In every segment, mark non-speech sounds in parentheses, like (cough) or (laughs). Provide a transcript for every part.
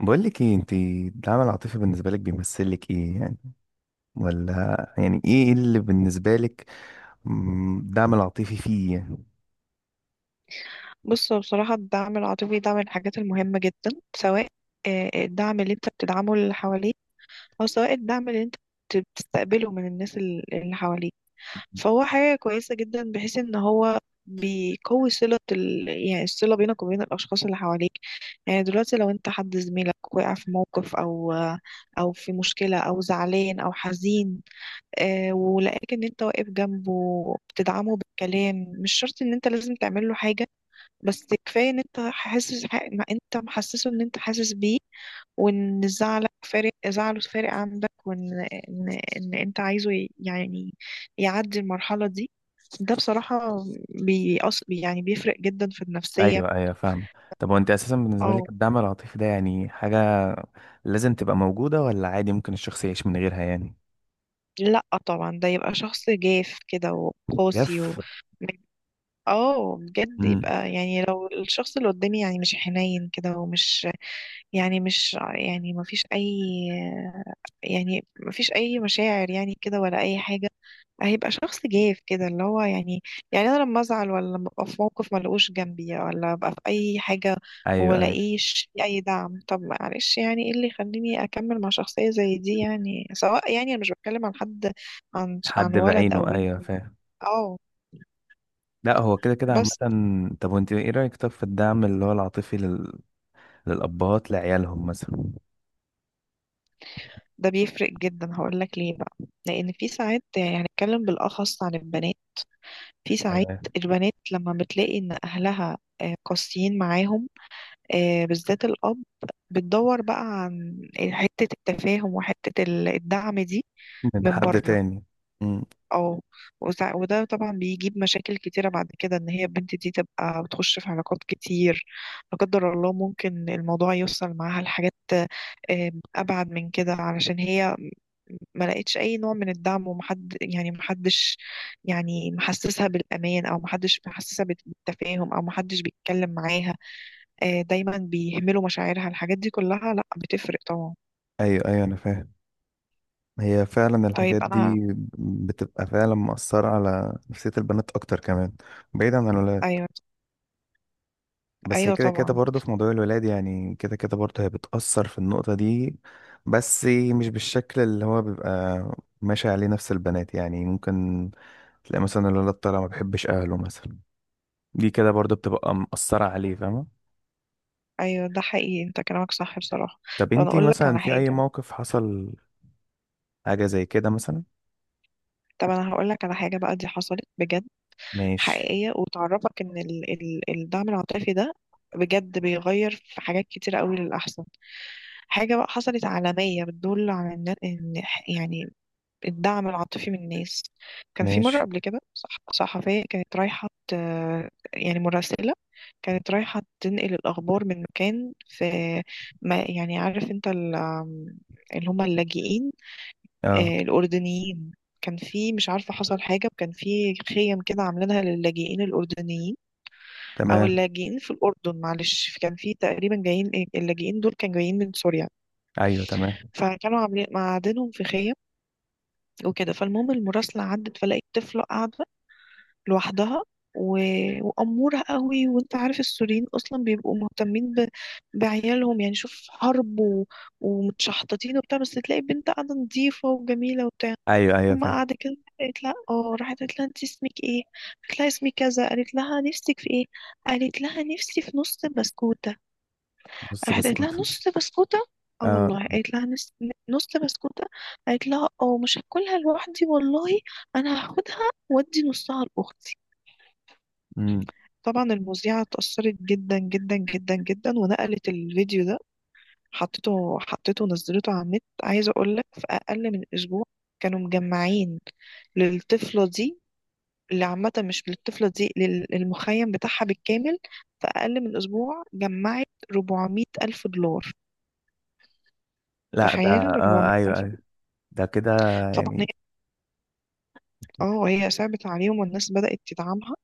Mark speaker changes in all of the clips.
Speaker 1: بقول لك ايه، انت الدعم العاطفي بالنسبه لك بيمثل لك ايه يعني؟ ولا يعني ايه اللي بالنسبه لك؟ الدعم العاطفي فيه يعني.
Speaker 2: بص هو بصراحة الدعم العاطفي ده من الحاجات المهمة جدا. سواء الدعم اللي انت بتدعمه اللي حواليك، أو سواء الدعم اللي انت بتستقبله من الناس اللي حواليك، فهو حاجة كويسة جدا بحيث ان هو بيقوي صلة ال... يعني الصلة بينك وبين الأشخاص اللي حواليك. يعني دلوقتي لو انت حد زميلك وقع في موقف أو في مشكلة أو زعلان أو حزين، ولقاك ان انت واقف جنبه، بتدعمه بالكلام. مش شرط ان انت لازم تعمل له حاجة، بس كفايه ان انت حاسس، ما انت محسسه ان انت حاسس بيه، وان زعلك فارق، زعله فارق عندك، وان ان, إن انت عايزه يعدي المرحله دي. ده بصراحه بيأص، يعني بيفرق جدا في النفسيه.
Speaker 1: ايوه ايوه، فاهم. طب وانت اساسا بالنسبه
Speaker 2: اه.
Speaker 1: لك الدعم العاطفي ده يعني حاجه لازم تبقى موجوده، ولا عادي ممكن الشخص يعيش من غيرها يعني؟
Speaker 2: لا طبعا، ده يبقى شخص جاف كده وقاسي
Speaker 1: جف.
Speaker 2: اه بجد،
Speaker 1: امم.
Speaker 2: يبقى يعني لو الشخص اللي قدامي يعني مش حنين كده، ومش يعني مش يعني ما فيش اي، يعني مفيش اي مشاعر يعني كده ولا اي حاجه، هيبقى شخص جاف كده اللي هو يعني، يعني انا لما ازعل ولا لما ابقى في موقف ملقوش جنبي ولا ابقى في اي حاجه
Speaker 1: ايوه ايوه.
Speaker 2: ولاقيش اي دعم. طب معلش، يعني ايه اللي يخليني اكمل مع شخصيه زي دي؟ يعني سواء، يعني انا مش بتكلم عن حد، عن
Speaker 1: حد
Speaker 2: ولد او
Speaker 1: بعينه،
Speaker 2: بنت
Speaker 1: ايوه
Speaker 2: يعني.
Speaker 1: فاهم.
Speaker 2: اه.
Speaker 1: لا هو كده كده عامة.
Speaker 2: بس
Speaker 1: طب وانت ايه رأيك طب في الدعم اللي هو العاطفي لل... للأبهات لعيالهم مثلا؟
Speaker 2: ده بيفرق جدا، هقول لك ليه بقى. لان في ساعات، يعني هنتكلم بالاخص عن البنات، في ساعات
Speaker 1: تمام.
Speaker 2: البنات لما بتلاقي ان اهلها قاسيين معاهم، بالذات الأب، بتدور بقى عن حتة التفاهم وحتة الدعم دي
Speaker 1: من
Speaker 2: من
Speaker 1: حد
Speaker 2: بره.
Speaker 1: تاني. امم.
Speaker 2: اه. وده طبعا بيجيب مشاكل كتيرة بعد كده، ان هي البنت دي تبقى بتخش في علاقات كتير. لا قدر الله، ممكن الموضوع يوصل معاها لحاجات آه، أبعد من كده، علشان هي ما لقيتش أي نوع من الدعم، ومحد، يعني محدش يعني محسسها بالأمان، أو محدش محسسها بالتفاهم، أو محدش بيتكلم معاها. دايما بيهملوا مشاعرها. الحاجات دي كلها لا، بتفرق طبعا.
Speaker 1: ايوه ايوه، انا فاهم. هي فعلا الحاجات
Speaker 2: طيب انا.
Speaker 1: دي بتبقى فعلا مؤثرة على نفسية البنات اكتر كمان، بعيدا عن الولاد.
Speaker 2: ايوه،
Speaker 1: بس هي
Speaker 2: ايوه،
Speaker 1: كده كده
Speaker 2: طبعا.
Speaker 1: برضه في موضوع الولاد، يعني كده كده برضه هي بتأثر في النقطة دي. بس مش بالشكل اللي هو بيبقى ماشي عليه نفس البنات، يعني ممكن تلاقي مثلا الولد طالع ما بيحبش اهله مثلا. دي كده برضو بتبقى مأثرة عليه، فاهمة؟
Speaker 2: ايوه ده حقيقي، انت كلامك صح بصراحه.
Speaker 1: طب
Speaker 2: طب انا
Speaker 1: انتي
Speaker 2: اقول لك
Speaker 1: مثلا
Speaker 2: على
Speaker 1: في أي
Speaker 2: حاجه
Speaker 1: موقف حصل حاجة زي كده مثلا؟
Speaker 2: طب انا هقول لك على حاجه بقى، دي حصلت بجد،
Speaker 1: ماشي.
Speaker 2: حقيقيه، وتعرفك ان ال الدعم العاطفي ده بجد بيغير في حاجات كتير قوي للاحسن. حاجه بقى حصلت عالميه، بتدل على ان، يعني الدعم العاطفي من الناس. كان في مرة
Speaker 1: ماشي.
Speaker 2: قبل كده صحفية كانت رايحة يعني مراسلة، كانت رايحة تنقل الأخبار من مكان في، ما يعني عارف انت اللي هم اللاجئين،
Speaker 1: اه.
Speaker 2: الأردنيين. كان في، مش عارفة حصل حاجة، وكان في خيم كده عاملينها للاجئين الأردنيين، أو
Speaker 1: تمام.
Speaker 2: اللاجئين في الأردن. معلش، كان في تقريبا جايين، اللاجئين دول كانوا جايين من سوريا،
Speaker 1: أيوه تمام.
Speaker 2: فكانوا عاملين معادنهم في خيم وكده. فالمهم، المراسلة عدت فلقيت طفلة قاعدة لوحدها و... وأمورة قوي. وانت عارف السوريين أصلا بيبقوا مهتمين بعيالهم، يعني شوف حرب ومتشحططين وبتاع، بس تلاقي بنت قاعدة نظيفة وجميلة وبتاع،
Speaker 1: أيوه أيوه،
Speaker 2: أما
Speaker 1: فاهم.
Speaker 2: قاعدة كده. قالت لها، اه راحت قالت لها انت اسمك ايه، قالت لها اسمي كذا، قالت لها نفسك في ايه، قالت لها نفسي في نص بسكوتة.
Speaker 1: بص
Speaker 2: راحت قالت لها
Speaker 1: بسكوت.
Speaker 2: نص بسكوتة. اه
Speaker 1: اه.
Speaker 2: والله، قالت لها نص بسكوتة. قالت لها اه مش هاكلها لوحدي والله، انا هاخدها وادي نصها الاخت.
Speaker 1: امم.
Speaker 2: طبعا المذيعة اتأثرت جدا جدا جدا جدا، ونقلت الفيديو ده، حطيته ونزلته على النت. عايزة أقولك في أقل من أسبوع كانوا مجمعين للطفلة دي، اللي عامة مش للطفلة دي، للمخيم بتاعها بالكامل. في أقل من أسبوع جمعت 400 ألف دولار.
Speaker 1: لا ده.
Speaker 2: تخيل، 400
Speaker 1: اه أيوه
Speaker 2: ألف
Speaker 1: أيوه.
Speaker 2: دولار.
Speaker 1: ده كده
Speaker 2: طبعا هي،
Speaker 1: يعني.
Speaker 2: اه هي صعبت عليهم، والناس بدأت تدعمها،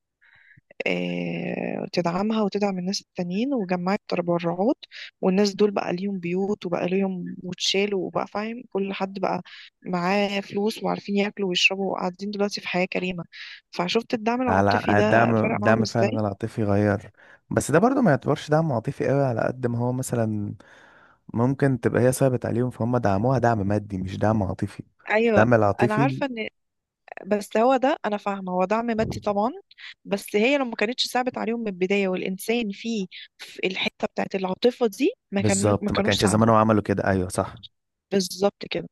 Speaker 2: تدعمها وتدعم الناس التانيين، وجمعت تبرعات، والناس دول بقى ليهم بيوت، وبقى ليهم وتشالوا، وبقى فاهم كل حد بقى معاه فلوس، وعارفين ياكلوا ويشربوا، وقاعدين دلوقتي في حياة كريمة. فشفت الدعم
Speaker 1: على
Speaker 2: العاطفي ده
Speaker 1: الدعم،
Speaker 2: فرق معاهم
Speaker 1: الدعم فعلا
Speaker 2: ازاي.
Speaker 1: العاطفي غير. بس ده برضو ما يعتبرش دعم عاطفي قوي، على قد ما هو مثلا ممكن تبقى هي صعبت عليهم فهم دعموها دعم مادي مش دعم عاطفي.
Speaker 2: ايوه.
Speaker 1: الدعم
Speaker 2: انا
Speaker 1: العاطفي.
Speaker 2: عارفه ان، بس هو ده انا فاهمه هو دعم مادي طبعا، بس هي لو ما كانتش صعبت عليهم من البدايه، والانسان فيه في الحته بتاعت العاطفه دي، ما
Speaker 1: بالظبط، ما
Speaker 2: كانوش
Speaker 1: كانش
Speaker 2: ساعدوه.
Speaker 1: زمانهم عملوا كده، ايوه صح.
Speaker 2: بالظبط كده.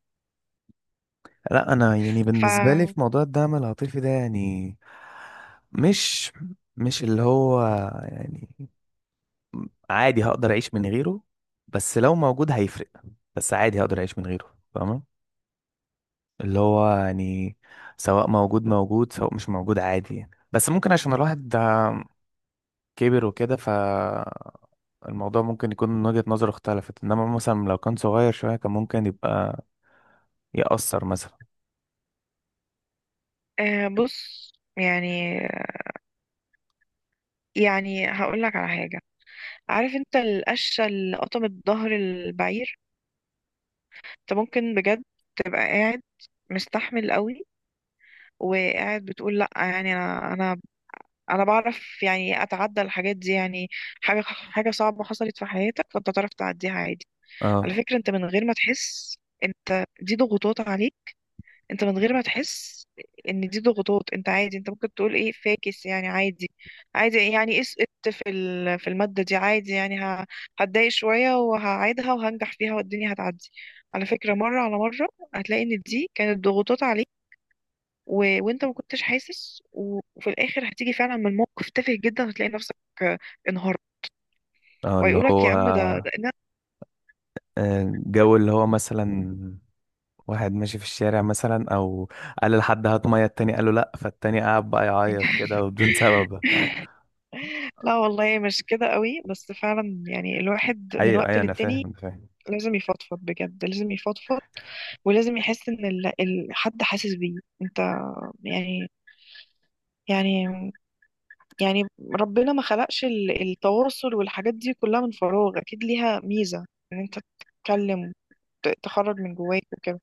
Speaker 1: لا انا يعني
Speaker 2: ف
Speaker 1: بالنسبه لي في موضوع الدعم العاطفي ده يعني مش مش اللي هو يعني عادي هقدر اعيش من غيره. بس لو موجود هيفرق. بس عادي هقدر اعيش من غيره، فاهمه؟ اللي هو يعني سواء موجود موجود، سواء مش موجود عادي يعني. بس ممكن عشان الواحد ده كبر وكده فالموضوع ممكن يكون من وجهة نظره اختلفت، انما مثلا لو كان صغير شويه كان ممكن يبقى يأثر مثلا.
Speaker 2: آه بص يعني، يعني هقول لك على حاجة. عارف انت القشة اللي قطمت ظهر البعير؟ انت ممكن بجد تبقى قاعد مستحمل قوي، وقاعد بتقول لا يعني، انا بعرف يعني اتعدى الحاجات دي، يعني حاجة صعبة حصلت في حياتك، فانت تعرف تعديها عادي.
Speaker 1: اه.
Speaker 2: على فكرة انت من غير ما تحس، انت دي ضغوطات عليك، انت من غير ما تحس ان دي ضغوطات، انت عادي، انت ممكن تقول ايه فاكس يعني، عادي، عادي يعني اسقطت في المادة دي عادي، يعني هتضايق شوية وهعيدها وهنجح فيها والدنيا هتعدي. على فكرة مرة على مرة هتلاقي ان دي كانت ضغوطات عليك، و... وانت ما كنتش حاسس، وفي الاخر هتيجي فعلا من موقف تافه جدا، هتلاقي نفسك آه، انهارت.
Speaker 1: اه اللي
Speaker 2: ويقولك
Speaker 1: هو
Speaker 2: يا عم
Speaker 1: جو اللي هو مثلا واحد ماشي في الشارع مثلا، او قال لحد هات ميه، التاني قال له لا، فالتاني قعد بقى يعيط كده
Speaker 2: (laughs)
Speaker 1: وبدون (laughs) سبب.
Speaker 2: لا والله مش كده قوي، بس فعلا يعني الواحد من
Speaker 1: ايوه
Speaker 2: وقت
Speaker 1: ايوه انا
Speaker 2: للتاني
Speaker 1: فاهم، انا فاهم.
Speaker 2: لازم يفضفض بجد، لازم يفضفض، ولازم يحس ان حد حاسس بيه. انت يعني، يعني يعني ربنا ما خلقش التواصل والحاجات دي كلها من فراغ، اكيد ليها ميزة ان انت تتكلم، تخرج من جواك وكده.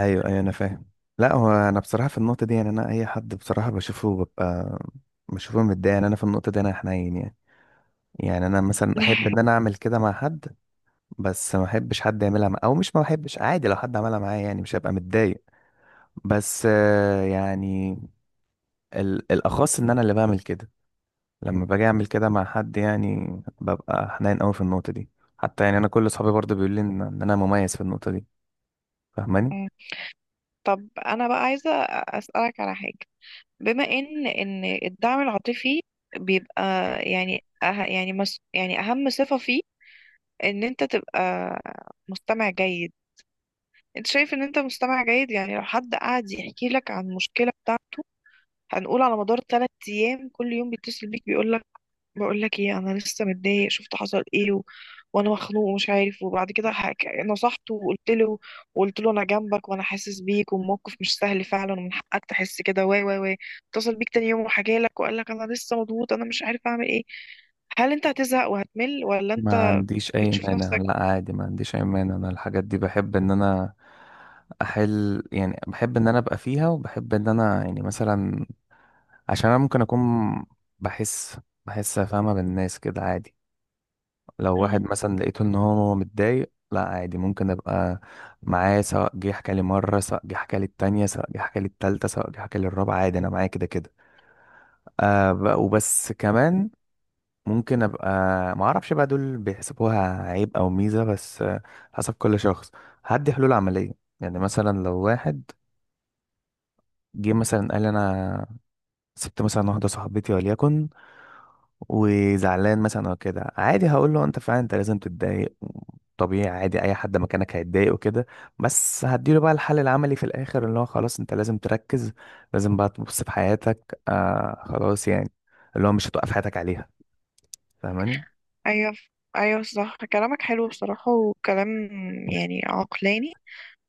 Speaker 1: ايوه ايوه انا فاهم. لا هو انا بصراحه في النقطه دي يعني انا اي حد بصراحه بشوفه ببقى بشوفه متضايق، يعني انا في النقطه دي انا حنين يعني. يعني انا مثلا احب
Speaker 2: (laughs)
Speaker 1: ان انا اعمل كده مع حد. بس ما احبش حد يعملها مع... او مش ما احبش، عادي لو حد عملها معايا يعني مش هبقى متضايق. بس يعني الاخص ان انا اللي بعمل كده. لما باجي اعمل كده مع حد يعني ببقى حنين قوي في النقطه دي. حتى يعني انا كل اصحابي برضه بيقولوا لي إن انا مميز في النقطه دي، فاهماني؟
Speaker 2: مم. طب انا بقى عايزة اسألك على حاجة. بما ان ان الدعم العاطفي بيبقى، يعني يعني مس يعني اهم صفة فيه ان انت تبقى مستمع جيد. انت شايف ان انت مستمع جيد؟ يعني لو حد قعد يحكي لك عن المشكله بتاعته، هنقول على مدار ثلاث ايام كل يوم بيتصل بيك بيقول لك، بقول لك ايه انا لسه متضايق، شفت حصل ايه وانا مخنوق ومش عارف، وبعد كده نصحته وقلت له انا جنبك وانا حاسس بيك، والموقف مش سهل فعلا، ومن حقك تحس كده، واي واي واي. اتصل بيك تاني يوم وحكى لك وقال لك انا لسه مضغوط، انا مش عارف اعمل ايه. هل انت هتزهق وهتمل، ولا
Speaker 1: ما
Speaker 2: انت
Speaker 1: عنديش اي
Speaker 2: بتشوف
Speaker 1: مانع.
Speaker 2: نفسك؟
Speaker 1: لا عادي ما عنديش اي مانع، انا الحاجات دي بحب ان انا احل يعني، بحب ان انا ابقى فيها، وبحب ان انا يعني مثلا عشان انا ممكن اكون بحس بحس فاهمه بالناس كده، عادي. لو واحد مثلا لقيته ان هو متضايق لا عادي، ممكن ابقى معاه سواء جه حكى لي مره، سواء جه حكى لي التانية، سواء جه حكى لي التالتة، سواء جه حكى لي الرابعه، عادي انا معاه كده كده. آه ب- وبس كمان ممكن ابقى ما اعرفش بقى دول بيحسبوها عيب او ميزه، بس حسب كل شخص. هدي حلول عمليه، يعني مثلا لو واحد جه مثلا قال لي انا سبت مثلا واحدة صاحبتي وليكن، وزعلان مثلا او كده، عادي هقول له انت فعلا انت لازم تتضايق، طبيعي عادي، اي حد مكانك هيتضايق وكده. بس هديله بقى الحل العملي في الاخر، اللي هو خلاص انت لازم تركز، لازم بقى تبص في حياتك، آه خلاص يعني اللي هو مش هتوقف حياتك عليها، فاهماني؟
Speaker 2: ايوه، ايوه صح، كلامك حلو بصراحة، وكلام يعني عقلاني.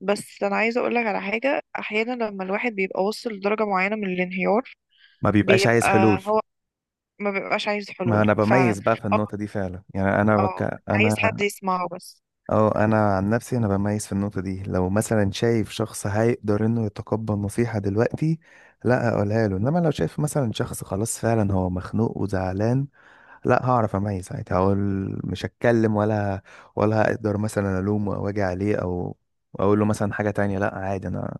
Speaker 2: بس انا عايزة اقولك على حاجة، احيانا لما الواحد بيبقى وصل لدرجة معينة من الانهيار،
Speaker 1: ما بيبقاش عايز حلول.
Speaker 2: بيبقى هو ما بيبقاش عايز
Speaker 1: ما
Speaker 2: حلول
Speaker 1: انا
Speaker 2: فعلا.
Speaker 1: بميز بقى في
Speaker 2: اه،
Speaker 1: النقطة دي فعلا، يعني انا
Speaker 2: اه،
Speaker 1: بك...
Speaker 2: عايز
Speaker 1: انا.
Speaker 2: حد يسمعه بس.
Speaker 1: اه انا عن نفسي انا بميز في النقطه دي، لو مثلا شايف شخص هيقدر انه يتقبل نصيحه دلوقتي لا اقولها له، انما لو شايف مثلا شخص خلاص فعلا هو مخنوق وزعلان، لا هعرف اميز ساعتها. هقول مش هتكلم، ولا هقدر مثلا الومه او اجي عليه او اقول له مثلا حاجه تانية. لا عادي انا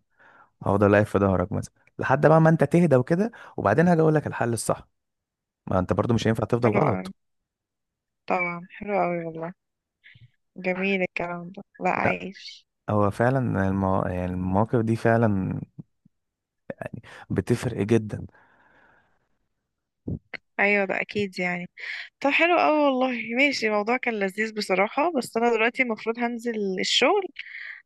Speaker 1: هفضل واقف في ظهرك مثلا لحد بقى ما انت تهدى وكده، وبعدين هاجي اقول لك الحل الصح، ما انت برضو مش هينفع تفضل
Speaker 2: حلو اوي.
Speaker 1: غلط.
Speaker 2: طبعا حلو اوي والله، جميل الكلام ده، لا
Speaker 1: لا
Speaker 2: عايش.
Speaker 1: هو فعلا المو... يعني المواقف دي فعلا بتفرق جدا.
Speaker 2: ايوه ده اكيد يعني. طب حلو اوي والله، ماشي. الموضوع كان لذيذ بصراحة، بس انا دلوقتي المفروض هنزل الشغل،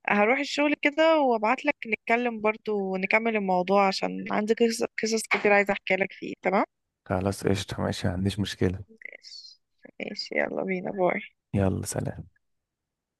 Speaker 2: هروح الشغل كده، وابعت لك نتكلم برضو ونكمل الموضوع، عشان عندي قصص كتير عايزة احكي لك فيه. تمام،
Speaker 1: خلاص قشطة ماشي، ما عنديش مشكلة.
Speaker 2: ماشي. ماشي، يلا بينا، باي.
Speaker 1: يلا سلام.